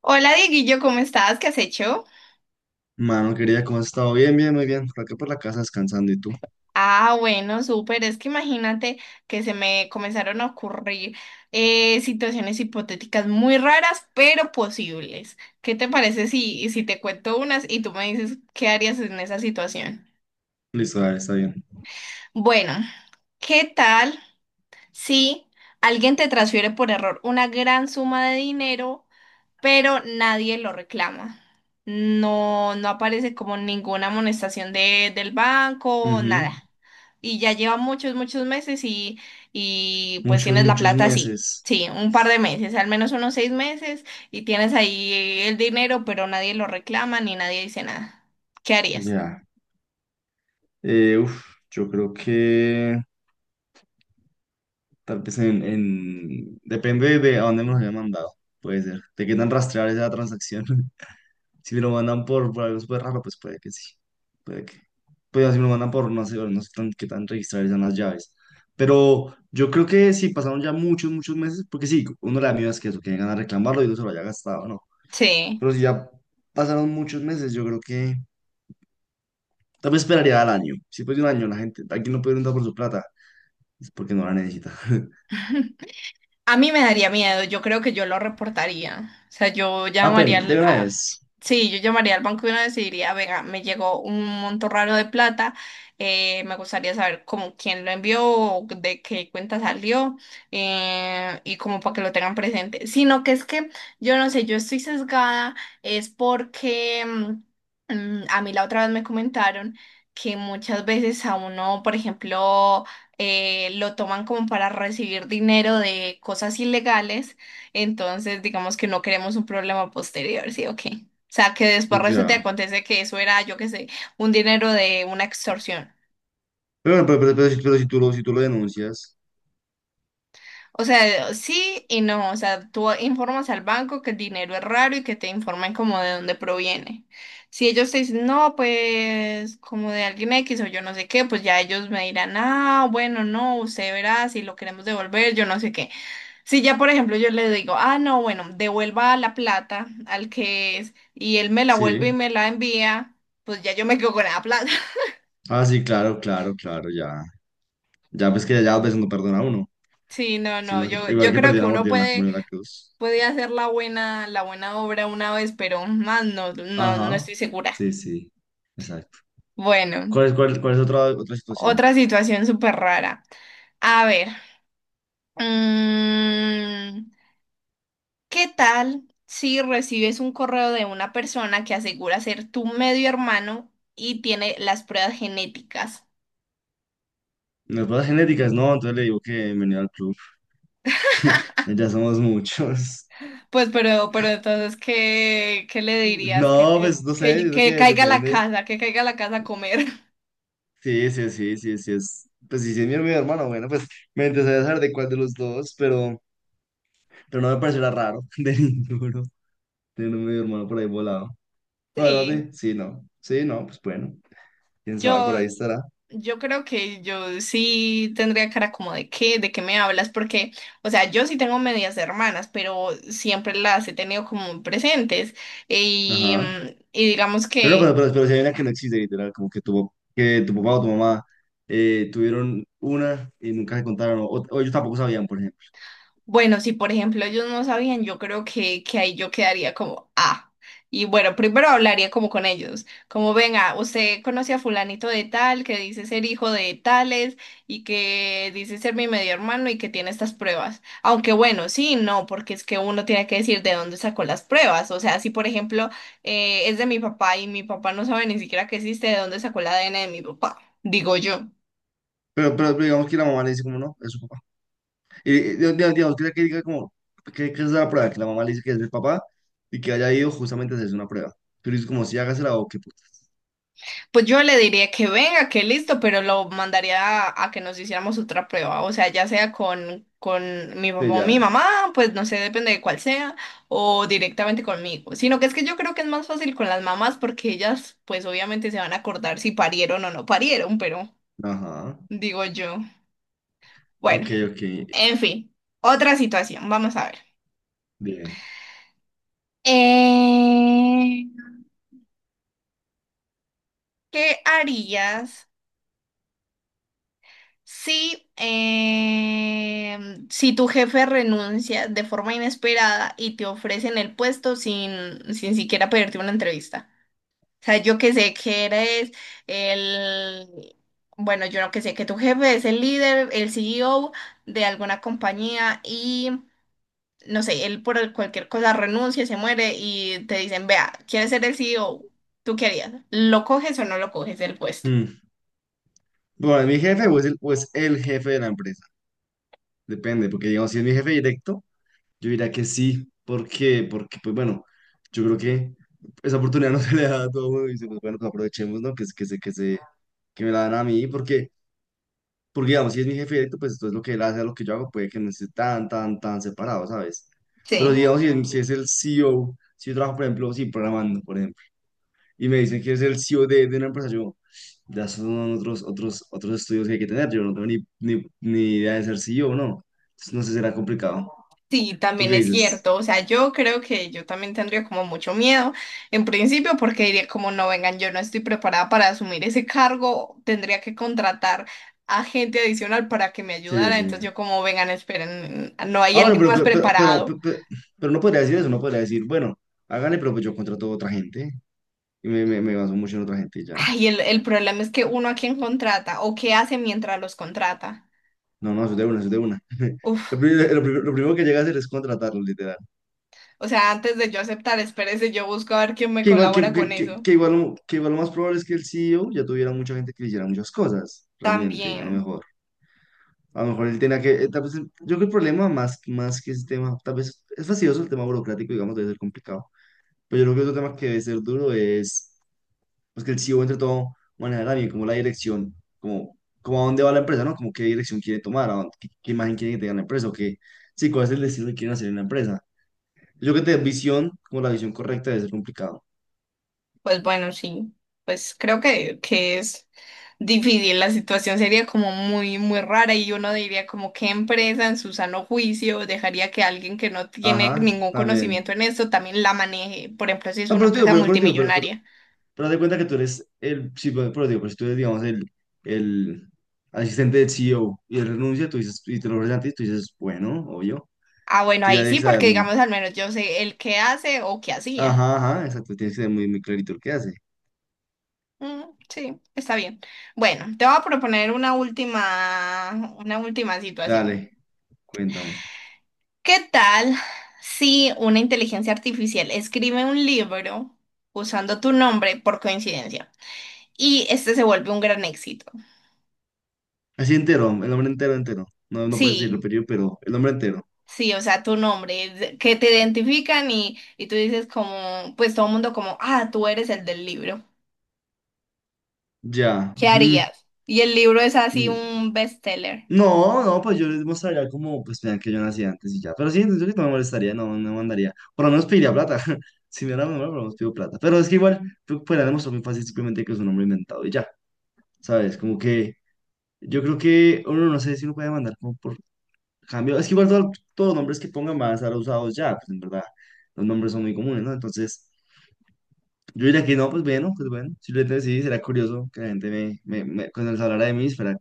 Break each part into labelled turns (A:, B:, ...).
A: Hola Dieguillo, ¿cómo estás? ¿Qué has hecho?
B: Mano, querida, ¿cómo has estado? Bien, bien, muy bien. Por acá por la casa descansando y tú.
A: Ah, bueno, súper. Es que imagínate que se me comenzaron a ocurrir situaciones hipotéticas muy raras, pero posibles. ¿Qué te parece si te cuento unas y tú me dices qué harías en esa situación?
B: Listo, dale, está bien.
A: Bueno, ¿qué tal si alguien te transfiere por error una gran suma de dinero, pero nadie lo reclama? No aparece como ninguna amonestación del banco,
B: Ujú.
A: nada. Y ya lleva muchos, muchos meses, y pues
B: Muchos,
A: tienes la
B: muchos
A: plata así.
B: meses.
A: Sí, un par de meses, al menos unos seis meses, y tienes ahí el dinero, pero nadie lo reclama ni nadie dice nada. ¿Qué harías?
B: Ya. Yo creo que tal vez depende de a dónde me los hayan mandado. Puede ser. ¿Te quedan rastrear esa transacción? Si me lo mandan por algo súper raro, pues puede que sí. Puede que. Pues si me lo mandan por, no sé, qué tan registradas son las llaves. Pero yo creo que sí, pasaron ya muchos, muchos meses, porque sí, uno de las mías es que eso, que llegan a reclamarlo y uno se lo haya gastado, ¿no?
A: Sí.
B: Pero si ya pasaron muchos meses, yo creo que tal vez esperaría al año. Si después de un año la gente, aquí no puede preguntar por su plata, es porque no la necesita.
A: A mí me daría miedo, yo creo que yo lo reportaría. O sea, yo llamaría
B: Apenas, de
A: al...
B: una
A: a-
B: vez.
A: sí, yo llamaría al banco y uno decidiría, venga, me llegó un monto raro de plata, me gustaría saber cómo, quién lo envió, o de qué cuenta salió, y como para que lo tengan presente. Sino que es que yo no sé, yo estoy sesgada, es porque a mí la otra vez me comentaron que muchas veces a uno, por ejemplo, lo toman como para recibir dinero de cosas ilegales. Entonces digamos que no queremos un problema posterior, ¿sí o qué? O sea, que después resulta y
B: Ya.
A: acontece que eso era, yo qué sé, un dinero de una extorsión.
B: Pero, bueno, pero si tú lo, si tú lo denuncias,
A: O sea, sí y no, o sea, tú informas al banco que el dinero es raro y que te informen como de dónde proviene. Si ellos te dicen, no, pues como de alguien X o yo no sé qué, pues ya ellos me dirán, ah, bueno, no, usted verá si lo queremos devolver, yo no sé qué. Si ya, por ejemplo, yo le digo, ah, no, bueno, devuelva la plata al que es, y él me la vuelve y
B: sí.
A: me la envía, pues ya yo me quedo con la plata.
B: Ah, sí, claro, claro, claro, ya. Ya pues que ya a veces no perdona a uno,
A: Sí, no, no,
B: sino que
A: yo,
B: igual
A: yo
B: que
A: creo
B: perdió
A: que
B: la
A: uno
B: mordida en la
A: puede,
B: comunión de la cruz.
A: puede hacer la buena obra una vez, pero más no, no
B: Ajá.
A: estoy segura.
B: Sí, sí. Exacto.
A: Bueno,
B: ¿Cuál es, cuál es otra, otra situación?
A: otra situación súper rara. A ver, mm, ¿qué tal si recibes un correo de una persona que asegura ser tu medio hermano y tiene las pruebas genéticas?
B: Las pruebas genéticas, no, entonces le digo que venía al club. Ya somos muchos.
A: Pues, pero entonces, ¿qué le dirías?
B: No, pues no sé, yo creo
A: Que
B: que
A: caiga a la
B: depende.
A: casa, que caiga a la casa a comer.
B: Sí, sí, sí, sí, sí es. Pues sí, sí es mi hermano, bueno, pues me interesaría saber de cuál de los dos, pero no me parecerá raro de ninguno tener un medio hermano por ahí volado. Bueno,
A: Sí,
B: sí, sí, no, sí, no, pues bueno, quién sabe,
A: yo,
B: por ahí estará.
A: yo creo que yo sí tendría cara como de de qué me hablas, porque, o sea, yo sí tengo medias hermanas, pero siempre las he tenido como presentes. Y
B: Ajá.
A: mm, y digamos
B: Pero no, pero,
A: que
B: pero, pero si hay una que no existe, literal, como que tu papá o tu mamá tuvieron una y nunca se contaron, o ellos tampoco sabían, por ejemplo.
A: bueno, si por ejemplo ellos no sabían, yo creo que ahí yo quedaría como, ah, y bueno, primero hablaría como con ellos, como venga, usted conoce a fulanito de tal, que dice ser hijo de tales y que dice ser mi medio hermano y que tiene estas pruebas. Aunque bueno, sí, no, porque es que uno tiene que decir de dónde sacó las pruebas. O sea, si por ejemplo es de mi papá y mi papá no sabe ni siquiera que existe, de dónde sacó el ADN de mi papá, digo yo.
B: Pero digamos que la mamá le dice como no, es su papá. Digamos, digamos que, ella que diga como, que es la prueba, que la mamá le dice que es el papá y que haya ido justamente a hacerse una prueba. Pero es como si hágasela o qué putas.
A: Pues yo le diría que venga, que listo, pero lo mandaría a que nos hiciéramos otra prueba. O sea, ya sea con mi papá
B: Sí,
A: o mi
B: ya.
A: mamá, pues no sé, depende de cuál sea, o directamente conmigo. Sino que es que yo creo que es más fácil con las mamás porque ellas, pues obviamente se van a acordar si parieron o no parieron, pero
B: Ajá.
A: digo yo. Bueno,
B: Ok, ok.
A: en fin, otra situación, vamos a ver.
B: Bien.
A: Eh, ¿Qué harías? Sí, si tu jefe renuncia de forma inesperada y te ofrecen el puesto sin siquiera pedirte una entrevista. O sea, yo que sé que eres el, bueno, yo no que sé que tu jefe es el líder, el CEO de alguna compañía y no sé, cualquier cosa renuncia, se muere y te dicen, vea, ¿quieres ser el CEO? ¿Tú qué harías? ¿Lo coges o no lo coges el puesto?
B: Mm. Bueno, ¿es mi jefe o es el jefe de la empresa? Depende, porque digamos, si es mi jefe directo, yo diría que sí. ¿Por qué? Porque, pues bueno, yo creo que esa oportunidad no se le da a todo el mundo y dice, pues bueno, pues aprovechemos, ¿no? Que, que se, que se, que me la dan a mí, porque porque, digamos, si es mi jefe directo, pues entonces lo que él hace a lo que yo hago puede que no esté tan, tan, tan separado, ¿sabes? Pero, si,
A: Sí.
B: digamos, si es el CEO, si yo trabajo, por ejemplo, sí, programando, por ejemplo, y me dicen que es el CEO de una empresa, yo, ya son otros, otros, otros estudios que hay que tener, yo no tengo ni idea de ser C E o ¿no? Entonces, no sé, será complicado.
A: Sí,
B: ¿Tú
A: también
B: qué
A: es
B: dices?
A: cierto. O sea, yo creo que yo también tendría como mucho miedo en principio porque diría como no vengan, yo no estoy preparada para asumir ese cargo, tendría que contratar a gente adicional para que me
B: Sí,
A: ayudara. Entonces
B: sí.
A: yo como vengan, esperen, no hay
B: Ah, bueno,
A: alguien
B: pero,
A: más
B: pero, pero, pero, pe-
A: preparado.
B: pe- pero no podría decir eso, no podría decir, bueno, háganle, pero pues yo contrato a otra gente y me baso mucho en otra gente y ya.
A: Ay, el problema es que uno a quién contrata o qué hace mientras los contrata.
B: No, no, eso es de una, eso es de una.
A: Uf,
B: Lo, lo primero que llega a hacer es contratarlo, literal.
A: o sea, antes de yo aceptar, espérese, yo busco a ver quién me
B: Que igual, que,
A: colabora con
B: que, que,
A: eso.
B: que igual, que igual lo más probable es que el CEO ya tuviera mucha gente que le hiciera muchas cosas, realmente, a lo
A: También,
B: mejor. A lo mejor él tenía que, tal vez, yo creo que el problema más, más que ese tema, tal vez es fastidioso el tema burocrático, digamos, debe ser complicado. Pero yo creo que otro tema que debe ser duro es, pues que el CEO entre todo maneja también como la dirección, como, como a dónde va la empresa, ¿no? Como qué dirección quiere tomar, qué, qué imagen quiere que tenga la empresa, o qué, sí, cuál es el destino que quieren hacer en la empresa. Yo creo que tener visión, como la visión correcta, debe ser complicado.
A: pues bueno, sí, pues creo que es difícil. La situación sería como muy, muy rara y uno diría como qué empresa en su sano juicio dejaría que alguien que no tiene
B: Ajá,
A: ningún conocimiento
B: también.
A: en esto también la maneje, por ejemplo, si es
B: No,
A: una
B: pero te digo,
A: empresa
B: pero te digo,
A: multimillonaria.
B: pero haz de cuenta que tú eres el, sí, pero te digo, pero si tú eres, digamos, el asistente del CEO y él renuncia, tú dices, y te lo ofrecen a ti, tú dices, bueno, obvio.
A: Ah, bueno,
B: Tú ya
A: ahí sí,
B: debes saber,
A: porque
B: mm,
A: digamos al menos yo sé el qué hace o qué hacía.
B: ajá, ajá, exacto, tienes que ser muy, muy clarito el que hace.
A: Mm, sí, está bien. Bueno, te voy a proponer una última situación.
B: Dale, cuéntame.
A: ¿Qué tal si una inteligencia artificial escribe un libro usando tu nombre por coincidencia? Y este se vuelve un gran éxito.
B: Así entero, el hombre entero, entero. No, no puedes decirlo,
A: Sí,
B: pero yo, pero el hombre entero.
A: sí, o sea, tu nombre, que te identifican y tú dices como, pues todo el mundo como, ah, tú eres el del libro,
B: Ya.
A: ¿qué
B: mm,
A: harías? Y el libro es así
B: mm.
A: un bestseller.
B: No, no, pues yo les mostraría como, pues vean que yo nací antes y ya. Pero sí, yo creo que no me molestaría, no, no me mandaría. Por lo menos pediría plata. Si me era menor, por lo menos pido plata. Pero es que igual, tú podrías demostrar muy fácil simplemente que es un hombre inventado y ya, ¿sabes? Como que yo creo que uno no sé si uno puede mandar como por cambio. Es que igual todos los nombres que pongan van a estar usados ya, pues en verdad. Los nombres son muy comunes, ¿no? Entonces, yo diría que no, pues bueno, pues bueno. Simplemente sí, será curioso que la gente cuando les hablara de mí, fuera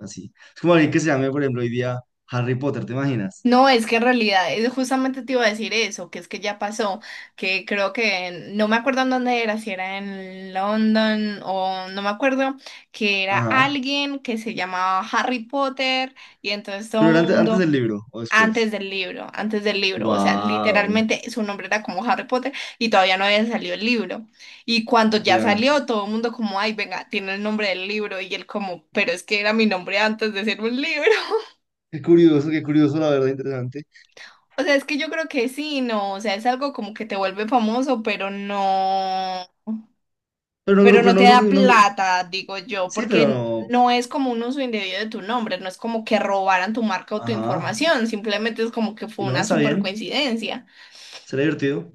B: así. Es como alguien que se llame, por ejemplo, hoy día Harry Potter, ¿te imaginas?
A: No, es que en realidad, justamente te iba a decir eso, que es que ya pasó, que creo que, no me acuerdo en dónde era, si era en London o no me acuerdo, que era
B: Ajá.
A: alguien que se llamaba Harry Potter y entonces todo
B: Pero
A: el
B: era antes, ¿antes
A: mundo...
B: del libro o después?
A: antes del libro, o sea,
B: Guau.
A: literalmente su nombre era como Harry Potter y todavía no había salido el libro. Y cuando ya
B: Ya.
A: salió, todo el mundo como, ay, venga, tiene el nombre del libro y él como, pero es que era mi nombre antes de ser un libro.
B: Qué curioso, la verdad, interesante.
A: O sea, es que yo creo que sí, no, o sea, es algo como que te vuelve famoso, pero
B: Pero
A: no
B: no
A: te
B: creo
A: da
B: que. No creo.
A: plata, digo yo,
B: Sí,
A: porque
B: pero.
A: no es como un uso indebido de tu nombre, no es como que robaran tu marca o tu
B: Ajá.
A: información, simplemente es como que
B: Y
A: fue
B: no,
A: una
B: está
A: super
B: bien.
A: coincidencia.
B: Será divertido.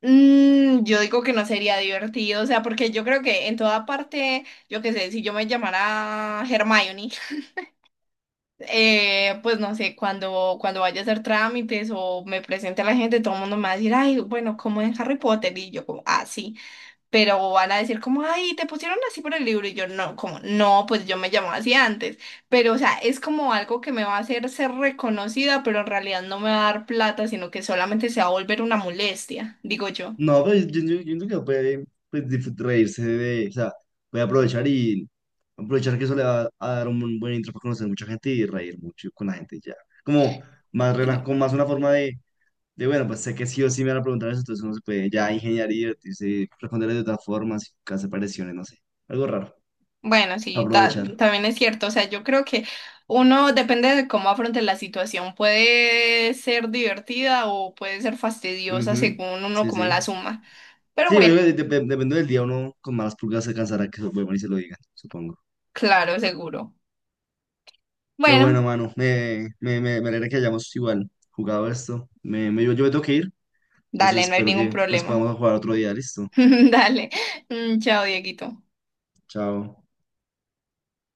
A: Mm, yo digo que no sería divertido, o sea, porque yo creo que en toda parte, yo qué sé, si yo me llamara Hermione, pues no sé, cuando vaya a hacer trámites o me presente a la gente, todo el mundo me va a decir, ay, bueno, como en Harry Potter, y yo como, ah, sí, pero van a decir como, ay, te pusieron así por el libro, y yo no, como, no, pues yo me llamaba así antes, pero o sea, es como algo que me va a hacer ser reconocida, pero en realidad no me va a dar plata, sino que solamente se va a volver una molestia, digo yo.
B: No, pero yo creo que puede, pues, reírse de. O sea, voy a aprovechar y aprovechar que eso le va a dar un buen intro para conocer mucha gente y reír mucho con la gente y ya. Como
A: Sí.
B: con más una forma de, bueno, pues sé que sí o sí me van a preguntar eso, entonces uno se puede ya ingeniar y divertirse, responderle de otras formas, hacer pareciones, no sé. Algo raro.
A: Bueno, sí,
B: Aprovechar.
A: también es cierto. O sea, yo creo que uno depende de cómo afronte la situación. Puede ser divertida o puede ser fastidiosa
B: Ujú,
A: según uno
B: sí,
A: como la
B: sí.
A: suma. Pero
B: Sí, yo
A: bueno,
B: digo que depende del día, uno con malas pulgas se cansará que se lo vuelvan y se lo digan, supongo.
A: claro, seguro.
B: Pero bueno,
A: Bueno,
B: mano, me alegra que hayamos igual jugado esto. Yo, yo me tengo que ir,
A: dale,
B: entonces
A: no hay
B: espero
A: ningún
B: que pues
A: problema.
B: podamos jugar otro día, listo.
A: Dale. Mm, chao, Dieguito.
B: Chao.